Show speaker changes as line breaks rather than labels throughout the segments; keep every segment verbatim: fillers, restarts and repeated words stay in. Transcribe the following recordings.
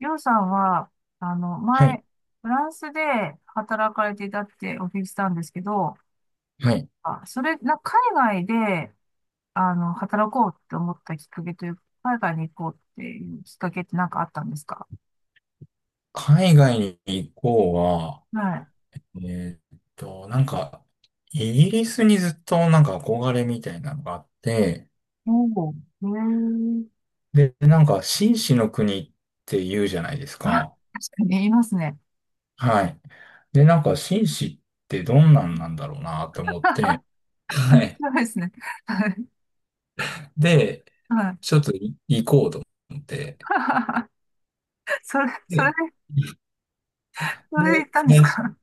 りょうさんは、あの、
はい。
前、フランスで働かれていたってお聞きしたんですけど、
はい。
あ、それ、な、海外で、あの、働こうって思ったきっかけというか、海外に行こうっていうきっかけって何かあったんですか？
海外に行こうは、
はい。
えーっと、なんか、イギリスにずっとなんか憧れみたいなのがあって、
おお、へえ。
で、なんか、紳士の国って言うじゃないです
あ、
か。
確かに言いますね。
はい。で、なんか、紳士ってどんなんなんだろうなと思って、
面
はい。
白いですね。はい。
で、
はい。
ちょっとい行こうと思って、
それ、それ
で、
で、それで
で、
行ったんです
最
か？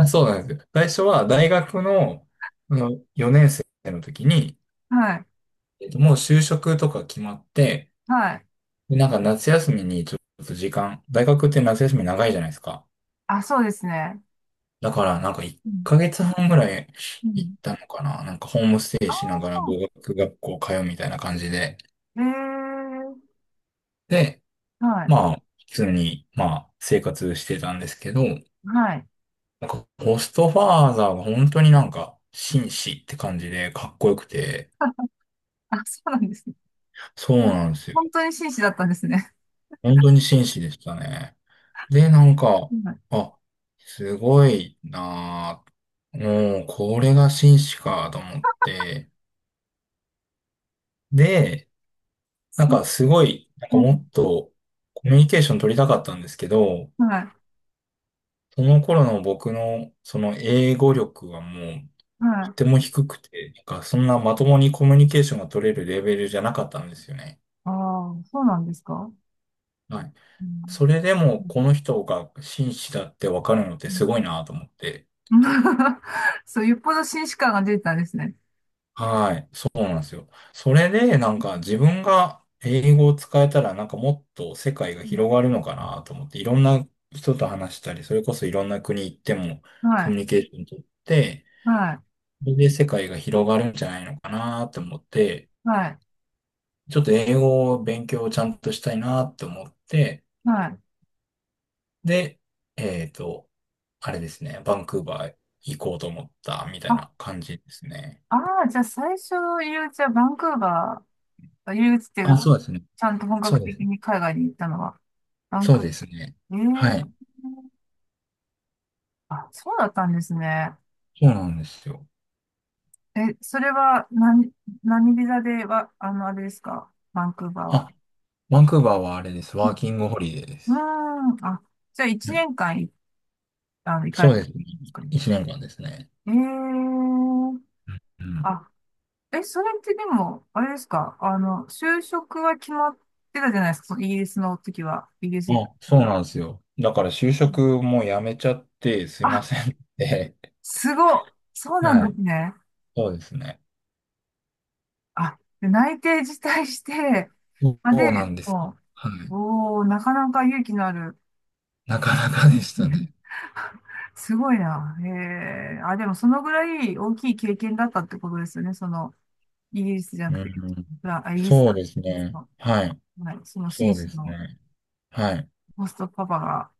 初、そうなんですよ。最初は大学の、あのよねん生の時に、
はい。
えっと、もう就職とか決まって、
はい。
で、なんか夏休みにちょっと時間、大学って夏休み長いじゃないですか。
あ、そうですね。
だからなんか1
うん。
ヶ月半ぐらい
う
行っ
ん。
たのかな。なんかホームステ
あ
イしながら
あ、
語学学校通うみたいな感じで。
ええ。
で、
はい。
まあ、普通に、まあ、生活してたんですけど、
はい。
なんかホストファーザーが本当になんか紳士って感じでかっこよくて、
あ、あ、そうなんですね。
そう
ほん
なんですよ。
本当に紳士だったんですね。
本当に紳士でしたね。で、なんか、
はい。
あ、すごいなぁ。もう、これが紳士かと思って。で、なん
そ
かすごい、なんか
う、う
もっとコミュニケーション取りたかったんですけど、
ん、はい。
その頃の僕のその英語力はもう
は
と
い。
ても低くて、なんかそんなまともにコミュニケーションが取れるレベルじゃなかったんですよね。
ああ、そうなんですか？
はい。
うん。
それでも
うん。
この人が紳士だってわかるのっ
う
て
ん。
すごいなと思って。
そう、よっぽど紳士感が出てたんですね。
はい、そうなんですよ。それで、なんか自分が英語を使えたら、なんかもっと世界が
うん。
広がるのかなと思って、いろんな人と話したり、それこそいろんな国行っても
は
コミ
い。
ュニケーション取って、
はい。
それで世界が広がるんじゃないのかなと思って、
はい。
ちょっと英語を勉強をちゃんとしたいなと思って、
はい。
で、えっと、あれですね、バンクーバー行こうと思ったみたい
あ、
な感じですね。
ああ、じゃあ最初の入り口はバンクーバー、入り口っていう
あ、
か、
そうですね。
ちゃんと本
そう
格
です
的
ね。
に海外に行ったのは、バン
そう
クーバ
ですね。
ー。
は
え
い。
え、あ、そうだったんですね。
そうなんですよ。
え、それは何、何ビザでは、あの、あれですかバンクーバーは？
あ、バンクーバーはあれです。
う
ワ
ん。
ーキングホリデーで
うー
す。
ん、あ、じゃあ1
うん、
年間い、あの、行か
そ
れ
う
た
で
ん
すね。
ですかね？
いちねんかんですね。
えー、
うん。
あ、え、それってでも、あれですかあの、就職は決まってたじゃないですか、そのイギリスの時は、イギリス行く
あ、そう
時は。
なんですよ。だから就
うん。
職もやめちゃってすいま
あ、
せんって。
すごい、そ うなん
は
で
い。
すね。
そうですね。
あ、で内定辞退して、
そ
まあで、
うなんです。
も
は
う、
い。
おー、なかなか勇気のある。
なかなかでしたね。
すごいな。へえ。あ、でもそのぐらい大きい経験だったってことですよね。その、イギリスじゃな
う
くて、
ん。
フラあ、イギリス
そう
か。
です
そ
ね。
の、
はい。
はい、その
そ
紳
うで
士
す
の
ね。はい。
ホストパパが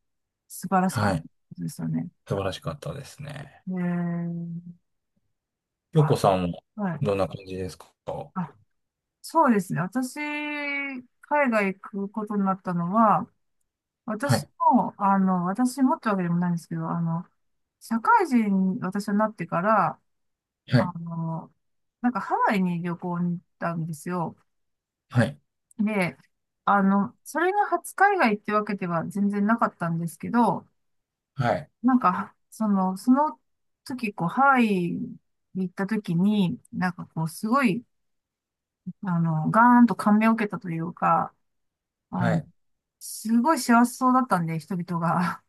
素晴らしかっ
は
たって
い。
ことですよね。
素晴らしかったですね。
へえ。
京子
あ、
さんも
は
どん
い。
な感じですか？
あ、そうですね。私、海外行くことになったのは、
は
私
い。
も、あの、私もってわけでもないんですけど、あの、社会人に私はなってから、
は
あ
い。
の、なんかハワイに旅行に行ったんですよ。
はい。
で、あの、それが初海外ってわけでは全然なかったんですけど、
はい。はい。
なんか、その、その時、こう、ハワイに行った時に、なんかこう、すごい、あの、ガーンと感銘を受けたというか、
は
あの、
い、
すごい幸せそうだったんで、人々が。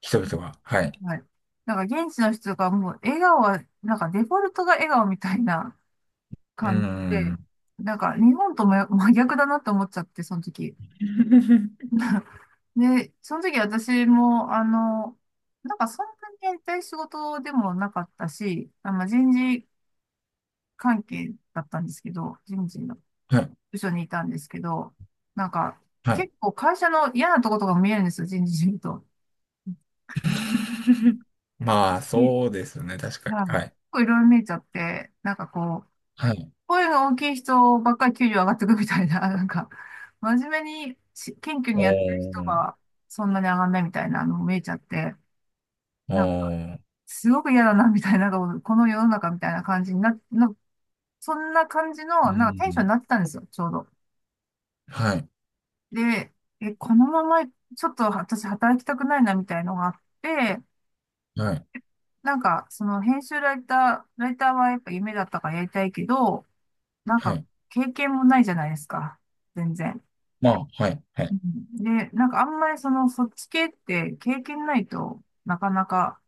人々が。は い。
はい。なんか、現地の人がもう、笑顔は、なんか、デフォルトが笑顔みたいな
うー
感じで、
ん。
なんか、日本とも真逆だなと思っちゃって、その時。で、その時私も、あの、なんかそんなにやりたい仕事でもなかったし、あの、人事関係だったんですけど、人事の
はい。
部署にいたんですけど、なんか
はい。
結構会社の嫌なとことかも見えるんですよ、人事見ると。
まあ、
いはい、
そうですね。確かに。は
結
い。
構いろいろ見えちゃって、なんかこう、
はい。
声の大きい人ばっかり給料上がってくみたいな、なんか、真面目にし謙虚
お
にやってる人
ー。
がそんなに上がんないみたいなのも見えちゃって、
お
なんか、
ー。
すごく嫌だな、みたいな、なんかこの世の中みたいな感じにな、な、そんな感じ
う
の、なんかテンションに
ん。
なってたんですよ、ちょうど。
はい。
で、え、このまま、ち、ょっと私働きたくないな、みたいのがあって、
はい。
なんか、その編集ライター、ライターはやっぱ夢だったからやりたいけど、なん
は
か、
い。
経験もないじゃないですか、全然。
まあ、はい。は
う
い。
ん。で、なんかあんまりその、そっち系って経験ないとなかなか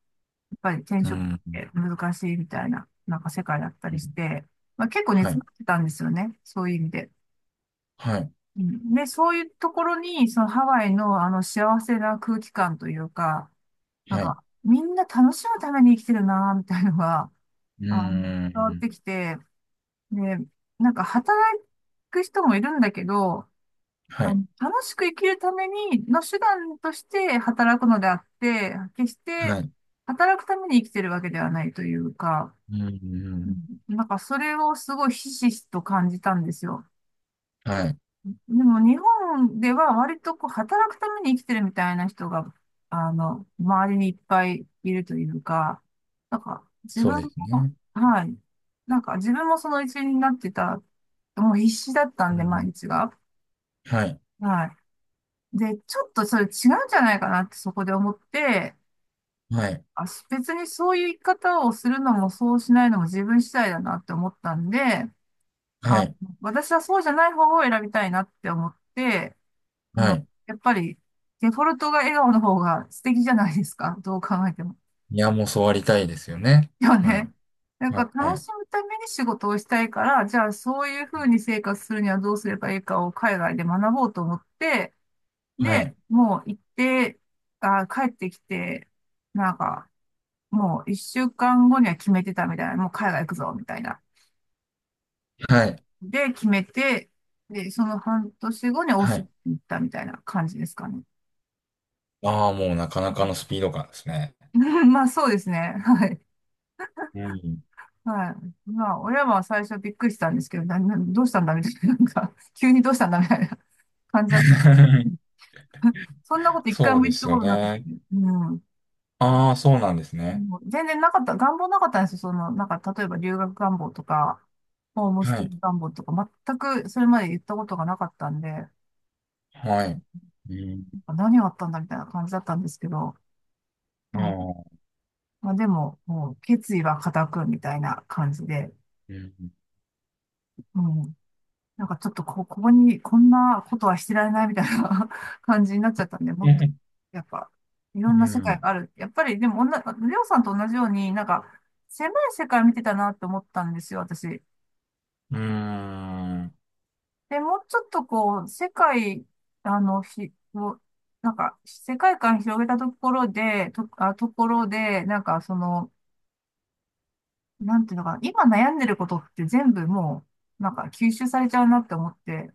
ぱり転
う
職っ
ん。
て難しいみたいな、なんか世界だった
う
りし
ん、
て、まあ、結構
は
熱
い。
持ってたんですよね。そういう意味で。
はい。
うん、で、そういうところに、そのハワイのあの幸せな空気感というか、なん
はい。
か、みんな楽しむために生きてるな、みたいなのが、
う
あの、伝わっ
ん。
てきて、で、なんか働く人もいるんだけど、
は
あ
い。
の、楽しく生きるためにの手段として働くのであって、決して
はい。
働くために生きてるわけではないというか、
う
うん、
ん。
なんかそれをすごいひしひしと感じたんですよ。
はい。
でも日本では割とこう働くために生きてるみたいな人が、あの、周りにいっぱいいるというか、なんか自
そう
分
です
も、
ね。
はい。なんか自分もその一員になってた、もう必死だったんで、
う
毎
ん。
日が。
はい。
はい。で、ちょっとそれ違うんじゃないかなってそこで思って、
はい。
あ、別にそういう生き方をするのもそうしないのも自分次第だなって思ったんで、
は
あ、
い。
私はそうじゃない方を選びたいなって思って、あ
は
の、
い。
やっぱりデフォルトが笑顔の方が素敵じゃないですか。どう考えても。
いや、もうそうありたいですよね。
よ
は
ね。
い。
なんか
はい。は
楽
い。
しむために仕事をしたいから、じゃあそういうふうに生活するにはどうすればいいかを海外で学ぼうと思って、
はい。
で、もう行って、あ、帰ってきて、なんか、もういっしゅうかん後には決めてたみたいな、もう海外行くぞ、みたいな。
はい。
で決めて、で、そのはんとし後にオー
は
スっ
い。
て行ったみたいな感じですかね。
ああ、もうなか
う
な
ん。
かのスピード感ですね。
まあそうですね。はい。
うん。
はい。まあ親は最初びっくりしたんですけど、な、な、どうしたんだみたいな、なんか、急にどうしたんだみたいな感じだった。そんなこといっかい
そ
も
うで
言った
す
こ
よ
となくて、
ね。
うん。
ああ、そうなんですね。
もう全然なかった、願望なかったんですよ。その、なんか、例えば留学願望とか、ホームス
は
テイ
い。
願望とか、全くそれまで言ったことがなかったんで、な
はい。うん。
んか何があったんだみたいな感じだったんですけど、
ああ、
まあ、でも、もう決意は固くみたいな感じで、
うん。
うん。なんかちょっとこ、ここに、こんなことはしてられないみたいな 感じになっちゃったんで、も
う
っと、
ん、
やっぱ、い
う
ろんな世界
ん。
がある。やっぱり、でも、おんなレオさんと同じように、なんか、狭い世界見てたなって思ったんですよ、私。
うん。
で、もうちょっとこう、世界、あの、ひ、をなんか、世界観広げたところで、と、あ、ところで、なんか、その、なんていうのかな、今悩んでることって全部もう、なんか吸収されちゃうなって思って、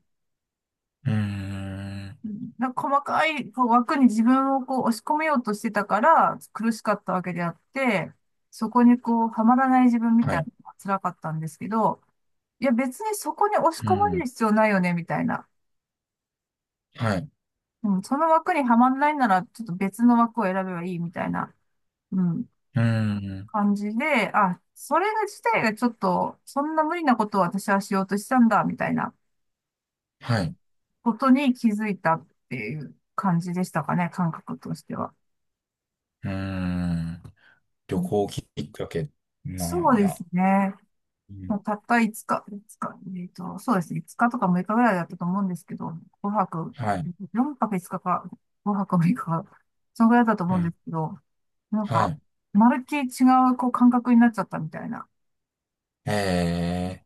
なんか細かいこう枠に自分をこう押し込めようとしてたから苦しかったわけであって、そこにこうはまらない自分み
は
たいな
い。
のが辛かったんですけど、いや別にそこに押し
う
込まれる
ん。
必要ないよね、みたいな。
はい。
うん、その枠にはまらないならちょっと別の枠を選べばいいみたいな、うん、
うん。
感じで、あ、それが自体がちょっと、そんな無理なことを私はしようとしたんだ、みたいな。
はい。
ことに気づいたっていう感じでしたかね、感覚としては。
うん。
う
旅
ん、
行きっかけ。
そ
まあ、い
うで
や。
すね。
うん。
もうたったいつか、いつか、えっと、そうですね。日とかむいかぐらいだったと思うんですけど、ごはく、
はい。
4泊5日かか、ごはくむいかかか、そのぐらいだったと
う
思うんで
ん。
すけど、なん
は
か、
い。
まるっきり違うこう感覚になっちゃったみたいな
ええ。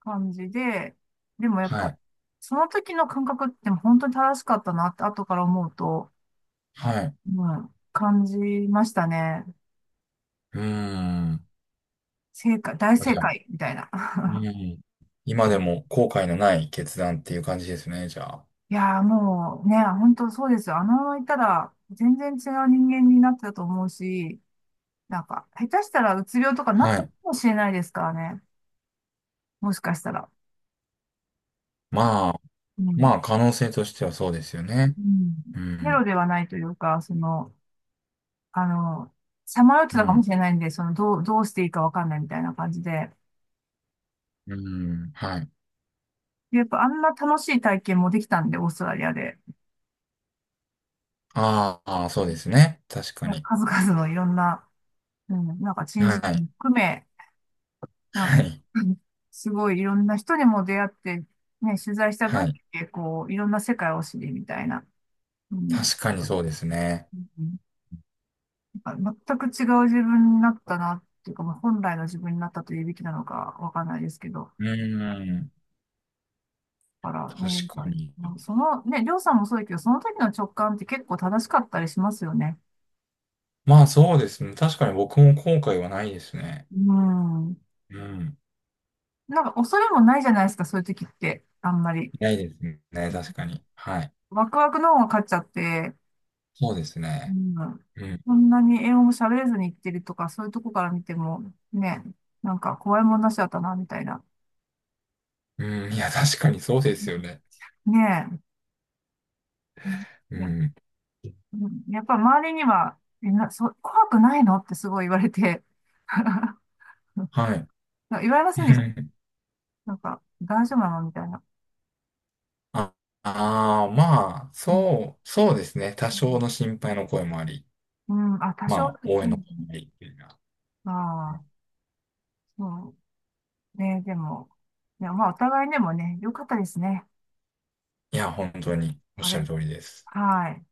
感じで、でもやっ
は
ぱ、
い。
その時の感覚って本当に正しかったなって後から思うと、
はい。
うん、感じましたね。
うーん。
正解、大
じ
正
ゃあ、
解みたいな。
う ん。今でも後悔のない決断っていう感じですね、じゃあ。
いやーもうね、本当そうですよ。あのままいたら全然違う人間になってたと思うし、なんか下手したらうつ病とかなった
は
か
い。
もしれないですからね。もしかしたら。
まあ、
うん。
まあ、可能性としてはそうですよね。
うん。
う
ゼロ
ん。
ではないというか、その、あの、さまよって
う
たかも
ん。
しれないんで、その、どう、どうしていいかわかんないみたいな感じで。
うん。はい。
でやっぱあんな楽しい体験もできたんで、オーストラリアで。
ああ、そうですね。確かに。
数々のいろんな、うん、なんか珍
は
事件
い。
含め、なんか、
はい。
すごいいろんな人にも出会って、ね、取材した
は
分だ
い。
け、こう、いろんな世界を知りみたいな。うん。
確かにそうですね。
うん。なんか全く違う自分になったな、っていうか、まあ、本来の自分になったというべきなのかわかんないですけど。
う
うん、
ん。
だからね、
確
ま
かに。
あその、ね、りょうさんもそうだけど、その時の直感って結構正しかったりしますよね。
まあ、そうですね。確かに僕も後悔はないですね。
うん。
うん。
なんか恐れもないじゃないですか、そういう時って。あんまり。
ないですね。確かに。はい。
ワクワクの方が勝っちゃって、
そうです
う
ね。
ん、
うん。
こんなに英語も喋れずに行ってるとか、そういうとこから見ても、ね、なんか怖いもんなしだったな、みたいな。
うん。いや、確かにそうですよね。
ねえ。うん、
う
いや、
ん。
うん、やっぱ周りには、みんな、そ、怖くないのってすごい言われて、
はい。
言われませんでした？なんか、大丈夫なのみたいな。
ああー、まあ、
うん、
そう、そうですね。多
う
少
ん
の心配の声もあり、
うん、あ、多
ま
少、
あ、応
う
援の
ん、
声もあり、みたいな。
あ
う
あ、そうね、でも、いや、まあ、お互いでもね、良かったですね。
いや、本当におっ
あ
し
れ、
ゃる通りです。
はい。